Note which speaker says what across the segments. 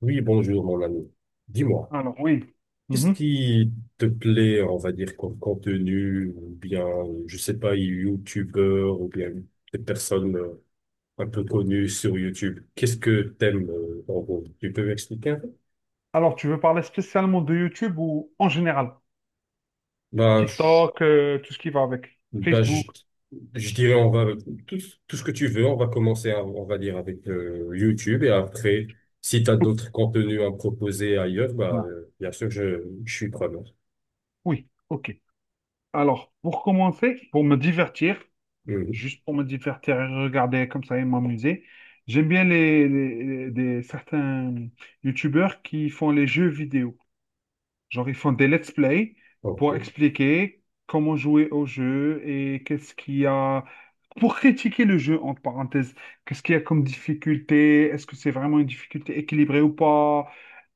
Speaker 1: Oui, bonjour mon ami. Dis-moi,
Speaker 2: Alors, oui.
Speaker 1: qu'est-ce
Speaker 2: Mhm.
Speaker 1: qui te plaît, on va dire, comme contenu, ou bien, je sais pas, youtubeur, ou bien des personnes un peu connues sur YouTube? Qu'est-ce que t'aimes, en gros? Tu peux m'expliquer un peu?
Speaker 2: Alors, tu veux parler spécialement de YouTube ou en général?
Speaker 1: Bah, je,
Speaker 2: TikTok, tout ce qui va avec.
Speaker 1: bah, je,
Speaker 2: Facebook.
Speaker 1: je dirais, tout, tout ce que tu veux, on va commencer, on va dire, avec YouTube, et après, si tu as d'autres contenus à me proposer ailleurs, bah,
Speaker 2: Voilà.
Speaker 1: bien sûr, je suis preneur.
Speaker 2: Oui, ok. Alors, pour commencer, pour me divertir,
Speaker 1: Mhm.
Speaker 2: juste pour me divertir et regarder comme ça et m'amuser, j'aime bien certains YouTubeurs qui font les jeux vidéo. Genre, ils font des let's play
Speaker 1: Ok.
Speaker 2: pour expliquer comment jouer au jeu et qu'est-ce qu'il y a pour critiquer le jeu, entre parenthèses. Qu'est-ce qu'il y a comme difficulté? Est-ce que c'est vraiment une difficulté équilibrée ou pas?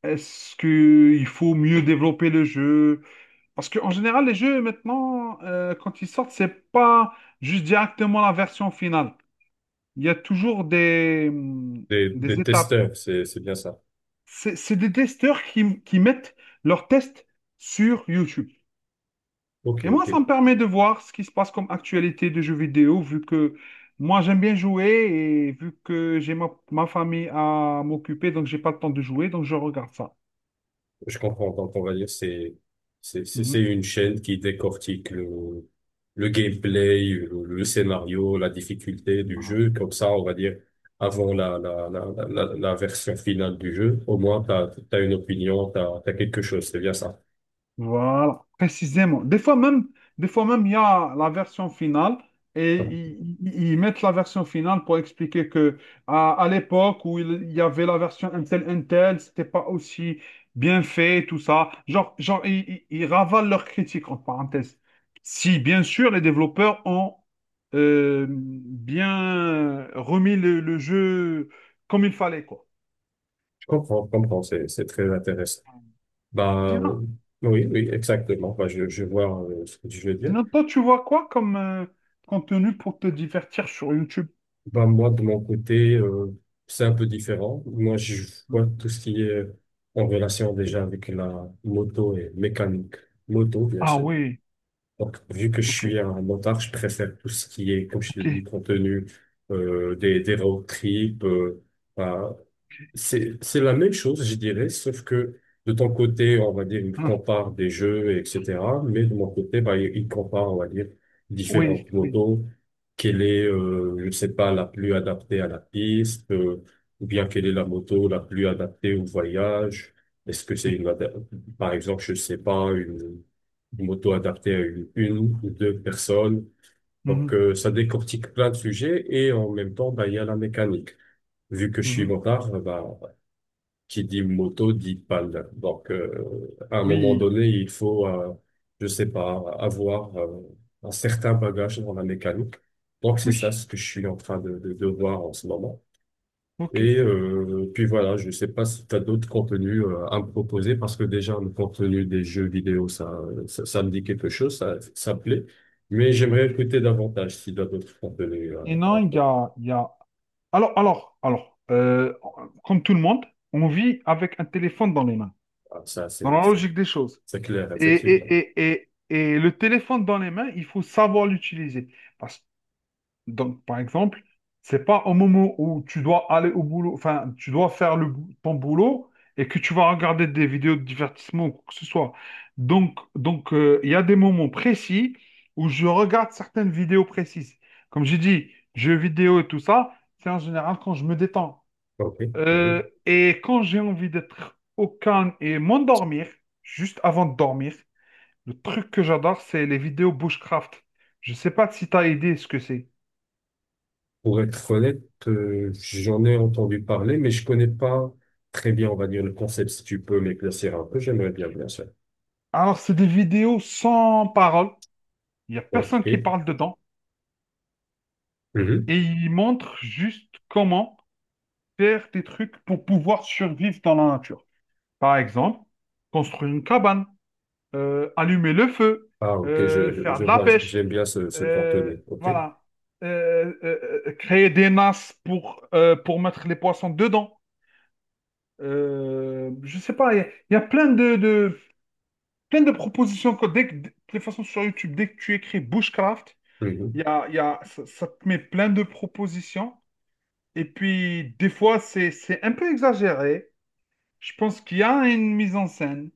Speaker 2: Est-ce qu'il faut mieux développer le jeu? Parce qu'en général, les jeux maintenant, quand ils sortent, c'est pas juste directement la version finale. Il y a toujours
Speaker 1: Des,
Speaker 2: des
Speaker 1: des
Speaker 2: étapes.
Speaker 1: testeurs, c'est bien ça.
Speaker 2: C'est des testeurs qui mettent leurs tests sur YouTube.
Speaker 1: Ok,
Speaker 2: Et moi,
Speaker 1: ok.
Speaker 2: ça me permet de voir ce qui se passe comme actualité de jeux vidéo, vu que moi, j'aime bien jouer et vu que j'ai ma famille à m'occuper, donc j'ai pas le temps de jouer, donc je regarde ça.
Speaker 1: Je comprends. Donc, on va dire, c'est une chaîne qui décortique le gameplay, le scénario, la difficulté du
Speaker 2: Mhm.
Speaker 1: jeu. Comme ça, on va dire, avant la version finale du jeu, au moins, t'as une opinion, t'as quelque chose. C'est bien ça.
Speaker 2: Voilà, précisément. Des fois même, il y a la version finale et ils mettent la version finale pour expliquer que à l'époque où il y avait la version Intel, c'était pas aussi bien fait, tout ça. Genre, genre, ils ravalent leurs critiques entre parenthèses. Si bien sûr les développeurs ont bien remis le jeu comme il fallait, quoi.
Speaker 1: Je comprends, je comprends. C'est très intéressant. Bah,
Speaker 2: Sinon,
Speaker 1: oui, oui, exactement. Bah, je vois ce que je veux dire.
Speaker 2: sinon toi, tu vois quoi comme contenu pour te divertir sur YouTube?
Speaker 1: Bah, moi, de mon côté, c'est un peu différent. Moi, je
Speaker 2: Hmm.
Speaker 1: vois tout ce qui est en relation déjà avec la moto et mécanique. Moto, bien
Speaker 2: Ah
Speaker 1: sûr.
Speaker 2: oui,
Speaker 1: Donc, vu que je
Speaker 2: ok,
Speaker 1: suis un motard, je préfère tout ce qui est, comme je
Speaker 2: ok.
Speaker 1: l'ai dit, contenu, des road trips, bah, c'est la même chose, je dirais, sauf que de ton côté, on va dire, il
Speaker 2: Hmm.
Speaker 1: compare des jeux, etc. Mais de mon côté, bah, il compare, on va dire,
Speaker 2: Oui,
Speaker 1: différentes
Speaker 2: oui,
Speaker 1: motos. Quelle est, je ne sais pas, la plus adaptée à la piste, ou bien quelle est la moto la plus adaptée au voyage. Est-ce que c'est
Speaker 2: oui.
Speaker 1: par exemple, je ne sais pas, une moto adaptée à une ou deux personnes. Donc,
Speaker 2: Mhm,
Speaker 1: ça décortique plein de sujets et en même temps, bah, il y a la mécanique vu que je suis
Speaker 2: mhm.
Speaker 1: motard, bah, qui dit moto dit pale. Donc, à un moment
Speaker 2: Oui,
Speaker 1: donné, il faut, je sais pas, avoir un certain bagage dans la mécanique. Donc, c'est ça
Speaker 2: oui.
Speaker 1: ce que je suis en train de voir en ce moment.
Speaker 2: Ok,
Speaker 1: Et puis voilà, je sais pas si tu as d'autres contenus à me proposer parce que déjà le contenu des jeux vidéo, ça me dit quelque chose, ça me plaît. Mais j'aimerais
Speaker 2: ok.
Speaker 1: écouter davantage si tu as d'autres contenus,
Speaker 2: Et
Speaker 1: à
Speaker 2: non,
Speaker 1: me proposer.
Speaker 2: il y a... Alors, alors, alors, euh, comme tout le monde, on vit avec un téléphone dans les mains,
Speaker 1: Ah, ça,
Speaker 2: dans la logique des choses.
Speaker 1: c'est clair,
Speaker 2: Et,
Speaker 1: effectivement.
Speaker 2: et, et, et, et le téléphone dans les mains, il faut savoir l'utiliser. Parce Donc, par exemple, c'est pas au moment où tu dois aller au boulot, enfin, tu dois faire ton boulot et que tu vas regarder des vidéos de divertissement ou quoi que ce soit. Il y a des moments précis où je regarde certaines vidéos précises. Comme j'ai dit, jeux vidéo et tout ça, c'est en général quand je me détends.
Speaker 1: OK. Mhm.
Speaker 2: Et quand j'ai envie d'être au calme et m'endormir, juste avant de dormir, le truc que j'adore, c'est les vidéos bushcraft. Je sais pas si tu as idée ce que c'est.
Speaker 1: Pour être honnête, j'en ai entendu parler, mais je connais pas très bien, on va dire, le concept. Si tu peux m'éclaircir un peu, j'aimerais bien, bien sûr.
Speaker 2: Alors, c'est des vidéos sans parole. Il n'y a personne qui
Speaker 1: OK.
Speaker 2: parle dedans.
Speaker 1: Mhm.
Speaker 2: Et ils montrent juste comment faire des trucs pour pouvoir survivre dans la nature. Par exemple, construire une cabane, allumer le feu,
Speaker 1: Ah, OK, je,
Speaker 2: faire
Speaker 1: je
Speaker 2: de la
Speaker 1: vois,
Speaker 2: pêche,
Speaker 1: j'aime bien ce
Speaker 2: euh,
Speaker 1: contenu. OK.
Speaker 2: voilà. Créer des nasses pour mettre les poissons dedans. Je sais pas, il y a plein plein de propositions. De toute façon, sur YouTube, dès que tu écris bushcraft,
Speaker 1: Mhm.
Speaker 2: il y a, ça te met plein de propositions. Et puis, des fois, c'est un peu exagéré. Je pense qu'il y a une mise en scène.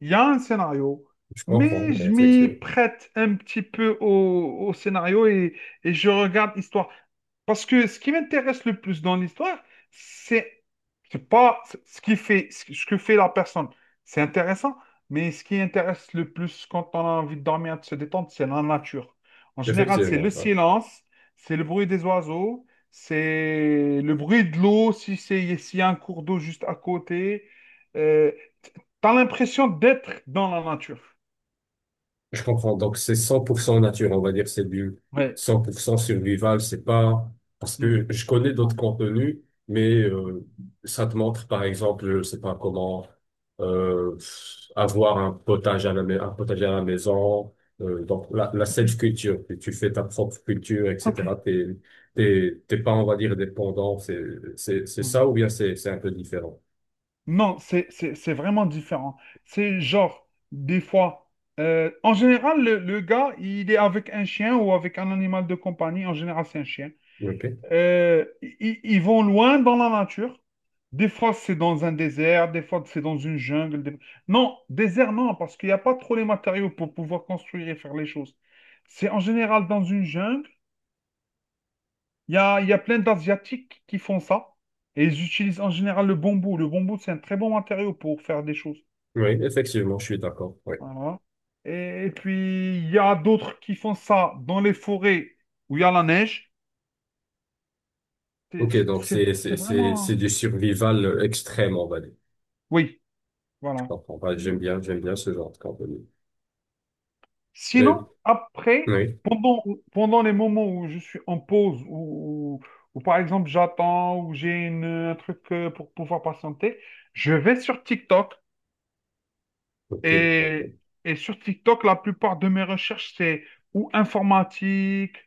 Speaker 2: Il y a un scénario,
Speaker 1: Je
Speaker 2: mais
Speaker 1: comprends,
Speaker 2: je m'y
Speaker 1: effectivement.
Speaker 2: prête un petit peu au scénario et je regarde l'histoire. Parce que ce qui m'intéresse le plus dans l'histoire, c'est c'est pas ce qui fait, ce que fait la personne. C'est intéressant, mais ce qui intéresse le plus quand on a envie de dormir, de se détendre, c'est la nature. En général, c'est le
Speaker 1: Effectivement, ouais.
Speaker 2: silence, c'est le bruit des oiseaux, c'est le bruit de l'eau, si c'est, s'il y a un cours d'eau juste à côté. Euh, T'as l'impression d'être dans la nature.
Speaker 1: Je comprends. Donc, c'est 100% nature, on va dire. C'est du
Speaker 2: Ouais.
Speaker 1: 100% survival. C'est pas, parce
Speaker 2: Hmm.
Speaker 1: que je connais
Speaker 2: Ouais.
Speaker 1: d'autres contenus, mais ça te montre, par exemple, je sais pas comment euh, avoir un potager un potager à la maison. Donc, la self-culture, que tu fais ta propre culture,
Speaker 2: Ok.
Speaker 1: etc. T'es pas, on va dire, dépendant. C'est ça
Speaker 2: Hmm.
Speaker 1: ou bien c'est un peu différent.
Speaker 2: Non, c'est vraiment différent. C'est genre, des fois, en général, le gars, il est avec un chien ou avec un animal de compagnie. En général, c'est un chien.
Speaker 1: OK.
Speaker 2: Ils vont loin dans la nature. Des fois, c'est dans un désert, des fois, c'est dans une jungle. Non, désert, non, parce qu'il n'y a pas trop les matériaux pour pouvoir construire et faire les choses. C'est en général dans une jungle. Il y a plein d'Asiatiques qui font ça. Et ils utilisent en général le bambou. Le bambou, c'est un très bon matériau pour faire des choses.
Speaker 1: Oui, effectivement, je suis d'accord. Oui.
Speaker 2: Voilà. Et puis, il y a d'autres qui font ça dans les forêts où il y a la neige. C'est
Speaker 1: Ok,
Speaker 2: c'est-
Speaker 1: donc
Speaker 2: c'est-
Speaker 1: c'est c'est
Speaker 2: c'est
Speaker 1: c'est c'est
Speaker 2: vraiment...
Speaker 1: du survival extrême, on va dire.
Speaker 2: Oui,
Speaker 1: Je
Speaker 2: voilà.
Speaker 1: comprends pas. J'aime bien ce genre de contenu.
Speaker 2: Sinon,
Speaker 1: Euh,
Speaker 2: après,
Speaker 1: oui,
Speaker 2: pendant les moments où je suis en pause, ou par exemple j'attends, un truc pour pouvoir patienter, je vais sur TikTok.
Speaker 1: ok,
Speaker 2: Et,
Speaker 1: ok.
Speaker 2: et sur TikTok, la plupart de mes recherches, c'est ou informatique,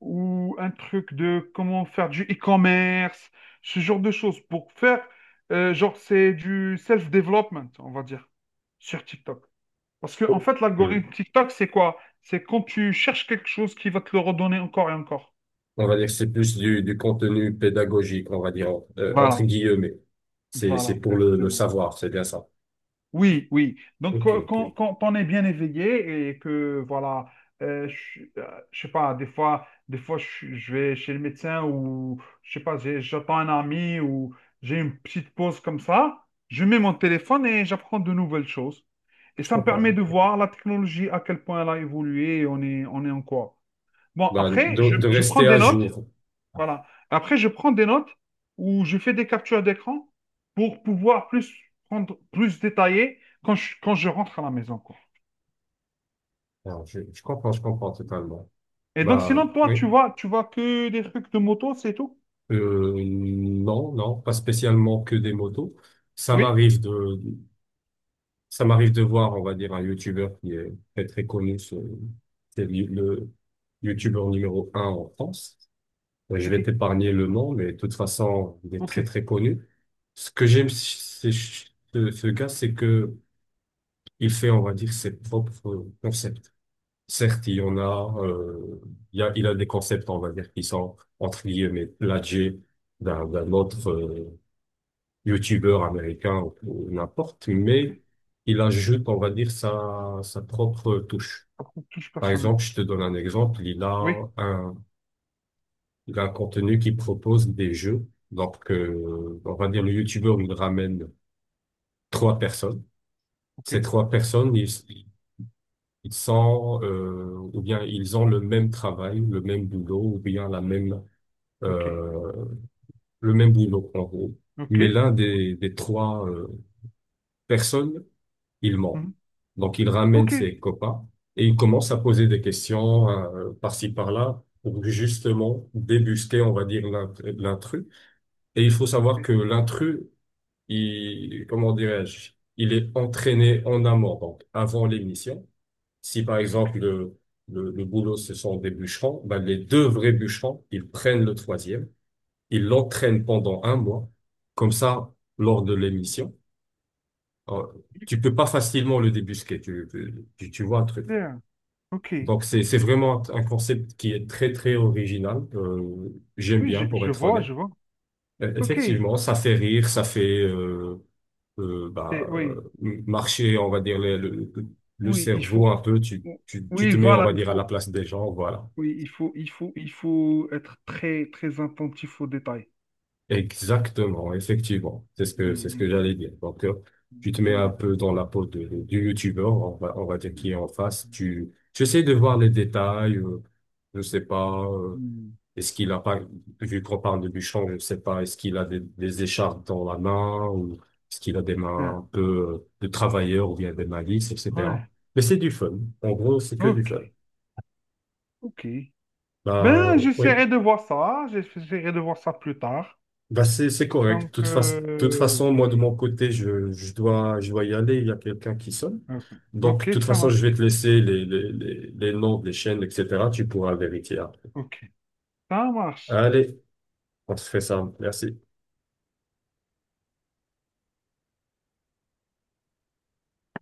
Speaker 2: ou un truc de comment faire du e-commerce, ce genre de choses. C'est du self-development, on va dire, sur TikTok. Parce que, en
Speaker 1: Oh,
Speaker 2: fait,
Speaker 1: oui.
Speaker 2: l'algorithme TikTok, c'est quoi? C'est quand tu cherches quelque chose qui va te le redonner encore et encore.
Speaker 1: On va dire que c'est plus du contenu pédagogique, on va dire entre
Speaker 2: Voilà,
Speaker 1: guillemets. C'est
Speaker 2: voilà,
Speaker 1: pour le
Speaker 2: précisément.
Speaker 1: savoir, c'est bien ça.
Speaker 2: Oui, oui. Donc,
Speaker 1: Ok, ok.
Speaker 2: qu'on est bien éveillé et que, voilà, je sais pas, des fois, je vais chez le médecin ou, je sais pas, j'attends un ami ou j'ai une petite pause comme ça, je mets mon téléphone et j'apprends de nouvelles choses. Et
Speaker 1: Je
Speaker 2: ça me permet
Speaker 1: comprends.
Speaker 2: de voir la technologie, à quel point elle a évolué et on est en quoi. Bon,
Speaker 1: Bah,
Speaker 2: après,
Speaker 1: de de
Speaker 2: je prends
Speaker 1: rester à
Speaker 2: des notes
Speaker 1: jour.
Speaker 2: voilà. Après, je prends des notes ou je fais des captures d'écran pour pouvoir plus prendre, plus détailler quand quand je rentre à la maison, quoi.
Speaker 1: Alors, je comprends, je comprends totalement.
Speaker 2: Et donc, sinon,
Speaker 1: Bah
Speaker 2: toi,
Speaker 1: oui.
Speaker 2: tu vois que des trucs de moto, c'est tout?
Speaker 1: Non, non, pas spécialement que des motos. Ça
Speaker 2: Oui?
Speaker 1: m'arrive de voir, on va dire, un YouTuber qui est très très connu, c'est le YouTuber numéro un en France. Je
Speaker 2: C'est
Speaker 1: vais
Speaker 2: qui?
Speaker 1: t'épargner le nom, mais de toute façon, il est
Speaker 2: Ok,
Speaker 1: très très connu. Ce que j'aime chez ce gars, c'est que il
Speaker 2: ok,
Speaker 1: fait, on va dire, ses propres concepts. Certes, il y en a, il y a, il a des concepts, on va dire, qui sont entre guillemets plagiés d'un autre, youtubeur américain ou n'importe,
Speaker 2: ok.
Speaker 1: mais il ajoute, on va dire, sa propre touche.
Speaker 2: Après, touche
Speaker 1: Par
Speaker 2: personne.
Speaker 1: exemple, je te donne un exemple,
Speaker 2: Oui,
Speaker 1: un, il a un contenu qui propose des jeux. Donc, on va dire, le youtubeur, il ramène trois personnes.
Speaker 2: ok,
Speaker 1: Ces trois personnes, ils sont, ou bien ils ont le même travail, le même boulot, ou bien la même,
Speaker 2: ok,
Speaker 1: euh, le même boulot, en gros.
Speaker 2: ok.
Speaker 1: Mais l'un des trois personnes, il ment.
Speaker 2: Mhm.
Speaker 1: Donc, il ramène
Speaker 2: Ok,
Speaker 1: ses copains et il commence à poser des questions, par-ci, par-là pour justement débusquer, on va dire, l'intrus. Et il faut savoir
Speaker 2: ok,
Speaker 1: que l'intrus, il, comment dirais-je, il est entraîné en amont, donc avant l'émission. Si, par
Speaker 2: ok.
Speaker 1: exemple, le boulot, ce sont des bûcherons, ben, les deux vrais bûcherons, ils prennent le troisième, ils l'entraînent pendant un mois. Comme ça, lors de l'émission, oh, tu peux pas facilement le débusquer, tu vois un truc.
Speaker 2: Bien, ok.
Speaker 1: Donc c'est vraiment un concept qui est très très original. J'aime
Speaker 2: Oui,
Speaker 1: bien pour
Speaker 2: je
Speaker 1: être
Speaker 2: vois, je
Speaker 1: honnête.
Speaker 2: vois. Ok.
Speaker 1: Effectivement, ça fait rire, ça fait euh, euh,
Speaker 2: C'est-
Speaker 1: bah,
Speaker 2: Oui,
Speaker 1: euh, marcher, on va dire, le
Speaker 2: oui, il
Speaker 1: cerveau
Speaker 2: faut.
Speaker 1: un peu. Tu
Speaker 2: Oui,
Speaker 1: te mets, on
Speaker 2: voilà,
Speaker 1: va
Speaker 2: il
Speaker 1: dire, à la
Speaker 2: faut.
Speaker 1: place des gens, voilà.
Speaker 2: Oui, il faut être très, très attentif aux détails.
Speaker 1: Exactement, effectivement. C'est ce que,
Speaker 2: Mm,
Speaker 1: c'est ce que
Speaker 2: mm,
Speaker 1: j'allais dire. Donc,
Speaker 2: mm.
Speaker 1: tu te mets
Speaker 2: J'aime
Speaker 1: un
Speaker 2: bien.
Speaker 1: peu dans la peau du youtubeur, on va dire qui est
Speaker 2: Mm,
Speaker 1: en face. Tu essaies de voir les détails, je sais pas,
Speaker 2: mm.
Speaker 1: est-ce qu'il a pas, vu qu'on parle de Bouchon, je sais pas, est-ce qu'il a des écharpes dans la main ou est-ce qu'il a des mains
Speaker 2: Bien.
Speaker 1: un peu de travailleur ou bien des malices,
Speaker 2: Ouais.
Speaker 1: etc. Mais c'est du fun. En gros, c'est que du
Speaker 2: Ok.
Speaker 1: fun.
Speaker 2: Ok.
Speaker 1: Bah,
Speaker 2: Ben,
Speaker 1: oui.
Speaker 2: j'essaierai de voir ça. J'essaierai de voir ça plus tard.
Speaker 1: Bah c'est correct. De
Speaker 2: Donc,
Speaker 1: toute façon, toute façon, moi de
Speaker 2: oui.
Speaker 1: mon côté, je dois y aller. Il y a quelqu'un qui sonne.
Speaker 2: Ok,
Speaker 1: Donc de
Speaker 2: Ok,
Speaker 1: toute
Speaker 2: ça
Speaker 1: façon, je
Speaker 2: marche.
Speaker 1: vais te laisser les noms des chaînes, etc. Tu pourras vérifier après.
Speaker 2: Ok, ça marche.
Speaker 1: Allez, on se fait ça. Merci.